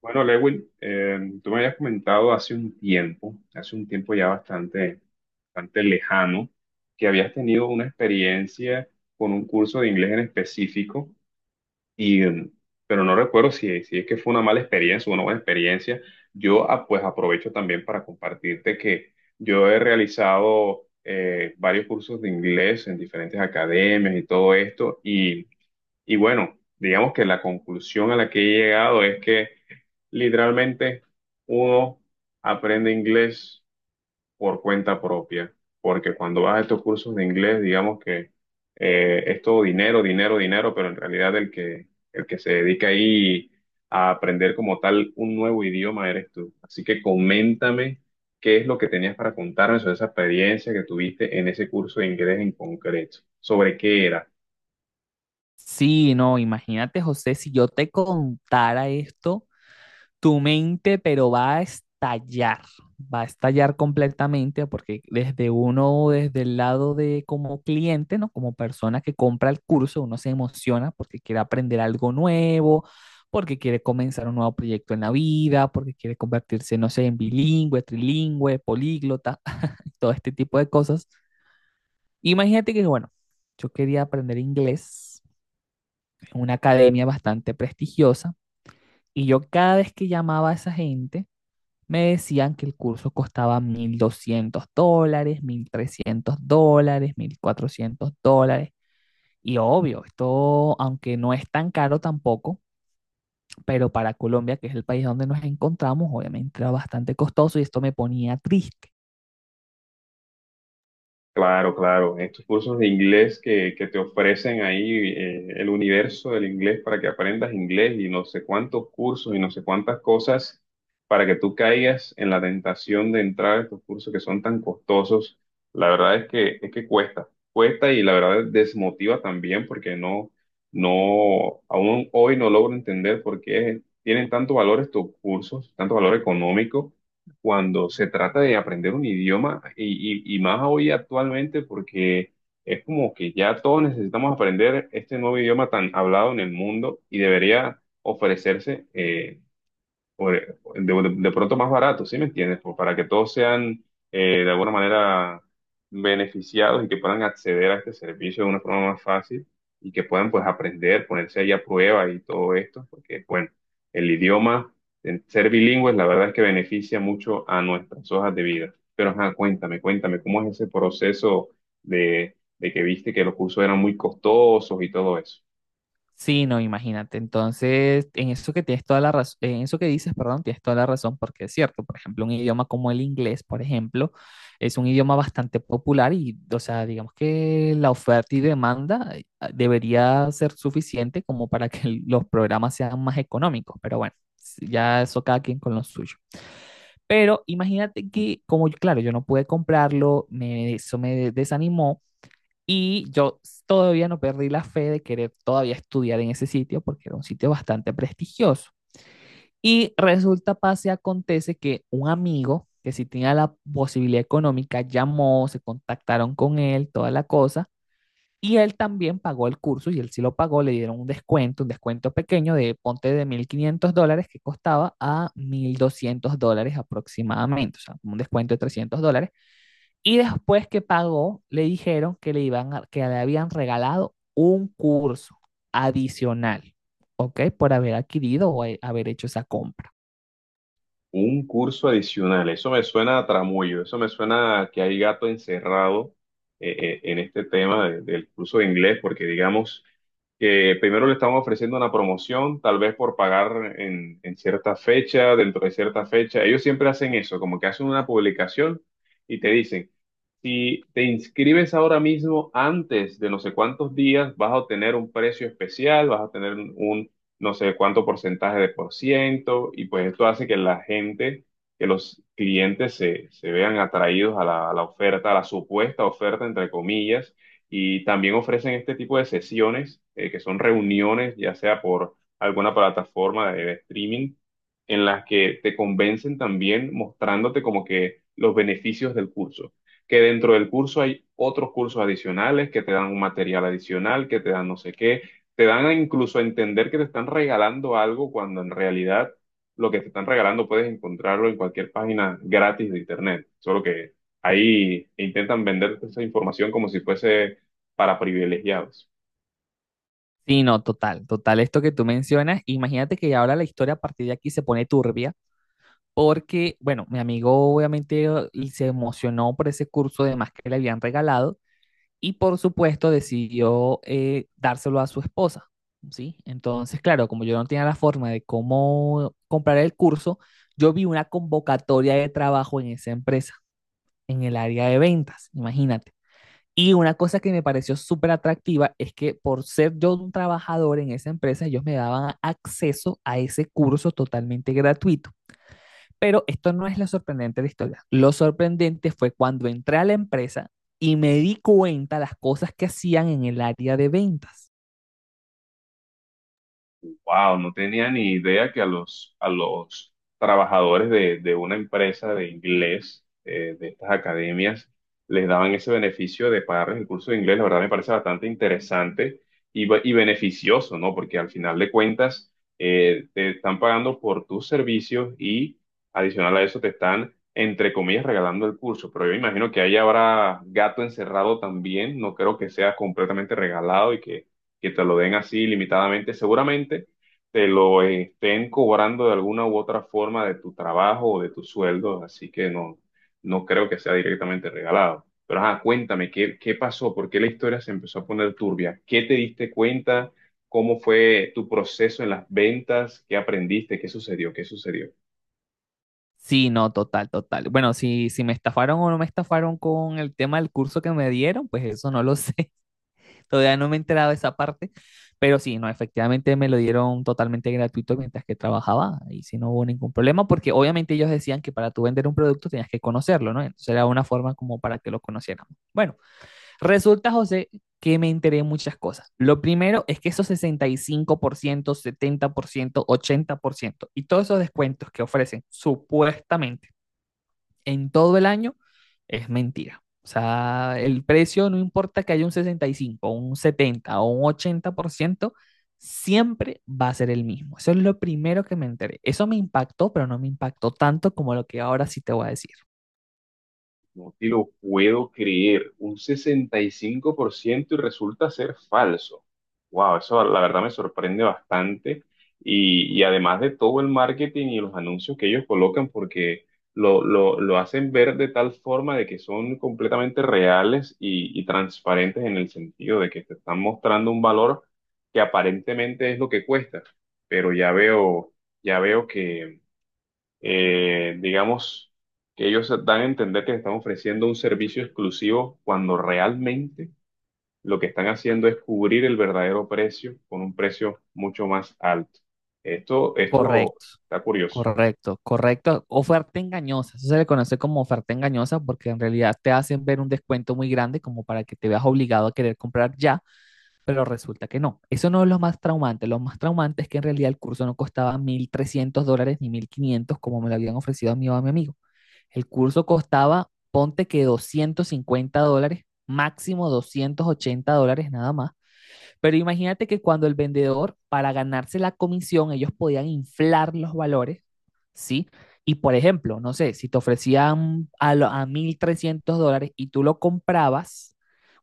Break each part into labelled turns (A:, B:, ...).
A: Bueno, Lewin, tú me habías comentado hace un tiempo, bastante lejano, que habías tenido una experiencia con un curso de inglés en específico, y, eh, pero no recuerdo si es que fue una mala experiencia o una buena experiencia. Yo pues aprovecho también para compartirte que yo he realizado varios cursos de inglés en diferentes academias y todo esto, y bueno, digamos que la conclusión a la que he llegado es que literalmente, uno aprende inglés por cuenta propia, porque cuando vas a estos cursos de inglés, digamos que es todo dinero, dinero, dinero, pero en realidad el que se dedica ahí a aprender como tal un nuevo idioma eres tú. Así que coméntame qué es lo que tenías para contarme sobre esa experiencia que tuviste en ese curso de inglés en concreto, sobre qué era.
B: Sí, no, imagínate, José, si yo te contara esto, tu mente, pero va a estallar completamente, porque desde uno, desde el lado de como cliente, ¿no? Como persona que compra el curso, uno se emociona porque quiere aprender algo nuevo, porque quiere comenzar un nuevo proyecto en la vida, porque quiere convertirse, no sé, en bilingüe, trilingüe, políglota, todo este tipo de cosas. Imagínate que, bueno, yo quería aprender inglés una academia bastante prestigiosa, y yo cada vez que llamaba a esa gente, me decían que el curso costaba $1.200, $1.300, $1.400. Y obvio, esto, aunque no es tan caro tampoco, pero para Colombia, que es el país donde nos encontramos, obviamente era bastante costoso y esto me ponía triste.
A: Claro, claro. Estos cursos de inglés que te ofrecen ahí el universo del inglés para que aprendas inglés y no sé cuántos cursos y no sé cuántas cosas para que tú caigas en la tentación de entrar a estos cursos que son tan costosos. La verdad es que cuesta, cuesta y la verdad desmotiva también porque no, aún hoy no logro entender por qué tienen tanto valor estos cursos, tanto valor económico cuando se trata de aprender un idioma y más hoy actualmente porque es como que ya todos necesitamos aprender este nuevo idioma tan hablado en el mundo y debería ofrecerse de pronto más barato, ¿sí me entiendes? Para que todos sean de alguna manera beneficiados y que puedan acceder a este servicio de una forma más fácil y que puedan pues aprender, ponerse ahí a prueba y todo esto, porque bueno, el idioma, el ser bilingües, la verdad es que beneficia mucho a nuestras hojas de vida. Pero ajá, cuéntame, cuéntame, ¿cómo es ese proceso de que viste que los cursos eran muy costosos y todo eso?
B: Sí, no, imagínate. Entonces, en eso que tienes toda la razón, en eso que dices, perdón, tienes toda la razón, porque es cierto, por ejemplo, un idioma como el inglés, por ejemplo, es un idioma bastante popular y, o sea, digamos que la oferta y demanda debería ser suficiente como para que los programas sean más económicos, pero bueno, ya eso cada quien con lo suyo. Pero imagínate que, como, claro, yo no pude comprarlo, me, eso me desanimó. Y yo todavía no perdí la fe de querer todavía estudiar en ese sitio porque era un sitio bastante prestigioso. Y resulta, pase, acontece que un amigo que sí tenía la posibilidad económica llamó, se contactaron con él, toda la cosa. Y él también pagó el curso y él sí lo pagó, le dieron un descuento pequeño de ponte de $1.500 que costaba a $1.200 aproximadamente, o sea, un descuento de $300 y después que pagó, le dijeron que le, que le habían regalado un curso adicional, ¿ok? Por haber adquirido o haber hecho esa compra.
A: Un curso adicional, eso me suena a tramullo, eso me suena a que hay gato encerrado en este tema del curso de inglés, porque digamos que primero le estamos ofreciendo una promoción, tal vez por pagar en cierta fecha, dentro de cierta fecha. Ellos siempre hacen eso, como que hacen una publicación y te dicen, si te inscribes ahora mismo antes de no sé cuántos días, vas a obtener un precio especial, vas a tener un no sé cuánto porcentaje de por ciento, y pues esto hace que la gente, que los clientes se vean atraídos a a la oferta, a la supuesta oferta, entre comillas, y también ofrecen este tipo de sesiones, que son reuniones, ya sea por alguna plataforma de streaming, en las que te convencen también mostrándote como que los beneficios del curso, que dentro del curso hay otros cursos adicionales que te dan un material adicional, que te dan no sé qué, te dan a incluso a entender que te están regalando algo cuando en realidad lo que te están regalando puedes encontrarlo en cualquier página gratis de internet. Solo que ahí intentan venderte esa información como si fuese para privilegiados.
B: Sí, no, total, total, esto que tú mencionas, imagínate que ahora la historia a partir de aquí se pone turbia, porque, bueno, mi amigo obviamente se emocionó por ese curso de más que le habían regalado y por supuesto decidió dárselo a su esposa, ¿sí? Entonces, claro, como yo no tenía la forma de cómo comprar el curso, yo vi una convocatoria de trabajo en esa empresa, en el área de ventas, imagínate. Y una cosa que me pareció súper atractiva es que por ser yo un trabajador en esa empresa, ellos me daban acceso a ese curso totalmente gratuito. Pero esto no es lo sorprendente de la historia. Lo sorprendente fue cuando entré a la empresa y me di cuenta las cosas que hacían en el área de ventas.
A: Wow, no tenía ni idea que a a los trabajadores de una empresa de inglés, de estas academias, les daban ese beneficio de pagarles el curso de inglés. La verdad me parece bastante interesante y beneficioso, ¿no? Porque al final de cuentas, te están pagando por tus servicios y adicional a eso te están, entre comillas, regalando el curso. Pero yo imagino que ahí habrá gato encerrado también. No creo que sea completamente regalado y que te lo den así limitadamente. Seguramente te lo estén cobrando de alguna u otra forma de tu trabajo o de tu sueldo, así que no creo que sea directamente regalado. Pero ajá, cuéntame, qué pasó? ¿Por qué la historia se empezó a poner turbia? ¿Qué te diste cuenta? ¿Cómo fue tu proceso en las ventas? ¿Qué aprendiste? ¿Qué sucedió? ¿Qué sucedió?
B: Sí, no, total, total. Bueno, si, si me estafaron o no me estafaron con el tema del curso que me dieron, pues eso no lo sé. Todavía no me he enterado de esa parte. Pero sí, no, efectivamente me lo dieron totalmente gratuito mientras que trabajaba y si no hubo ningún problema, porque obviamente ellos decían que para tú vender un producto tenías que conocerlo, ¿no? Entonces era una forma como para que lo conociéramos. Bueno. Resulta, José, que me enteré de muchas cosas. Lo primero es que esos 65 por ciento, 70%, 80% y todos esos descuentos que ofrecen supuestamente en todo el año es mentira. O sea, el precio no importa que haya un 65, un 70 o un 80% siempre va a ser el mismo. Eso es lo primero que me enteré. Eso me impactó, pero no me impactó tanto como lo que ahora sí te voy a decir.
A: No te lo puedo creer, un 65% y resulta ser falso. Wow, eso la verdad me sorprende bastante. Y además de todo el marketing y los anuncios que ellos colocan, porque lo hacen ver de tal forma de que son completamente reales y transparentes en el sentido de que te están mostrando un valor que aparentemente es lo que cuesta. Pero ya veo que digamos que ellos dan a entender que están ofreciendo un servicio exclusivo cuando realmente lo que están haciendo es cubrir el verdadero precio con un precio mucho más alto. Esto
B: Correcto.
A: está curioso.
B: Correcto, correcto. Oferta engañosa. Eso se le conoce como oferta engañosa porque en realidad te hacen ver un descuento muy grande como para que te veas obligado a querer comprar ya, pero resulta que no. Eso no es lo más traumante. Lo más traumante es que en realidad el curso no costaba $1.300 ni 1.500, como me lo habían ofrecido a mí o a mi amigo. El curso costaba, ponte que $250, máximo $280 nada más. Pero imagínate que cuando el vendedor, para ganarse la comisión, ellos podían inflar los valores, ¿sí? Y por ejemplo, no sé, si te ofrecían a, a $1.300 y tú lo comprabas,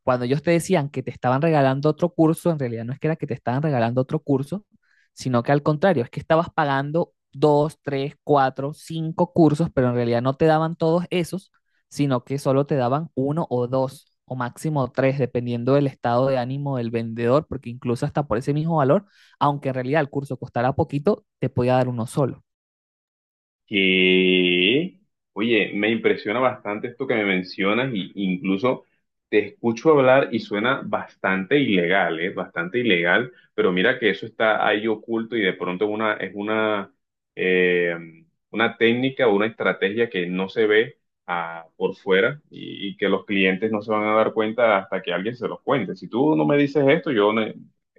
B: cuando ellos te decían que te estaban regalando otro curso, en realidad no es que era que te estaban regalando otro curso, sino que al contrario, es que estabas pagando dos, tres, cuatro, cinco cursos, pero en realidad no te daban todos esos sino que solo te daban uno o dos o máximo tres, dependiendo del estado de ánimo del vendedor, porque incluso hasta por ese mismo valor, aunque en realidad el curso costara poquito, te podía dar uno solo.
A: Que, oye, me impresiona bastante esto que me mencionas y incluso te escucho hablar y suena bastante ilegal, ¿eh? Bastante ilegal, pero mira que eso está ahí oculto y de pronto es eh, una técnica o una estrategia que no se ve por fuera y que los clientes no se van a dar cuenta hasta que alguien se los cuente. Si tú no me dices esto,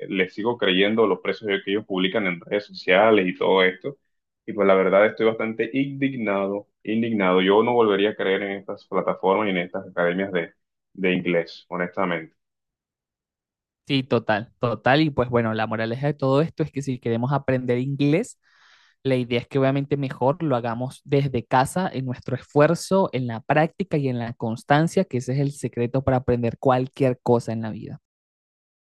A: les sigo creyendo los precios que ellos publican en redes sociales y todo esto. Y pues la verdad estoy bastante indignado, indignado. Yo no volvería a creer en estas plataformas y en estas academias de inglés, honestamente.
B: Sí, total, total. Y pues bueno, la moraleja de todo esto es que si queremos aprender inglés, la idea es que obviamente mejor lo hagamos desde casa, en nuestro esfuerzo, en la práctica y en la constancia, que ese es el secreto para aprender cualquier cosa en la vida.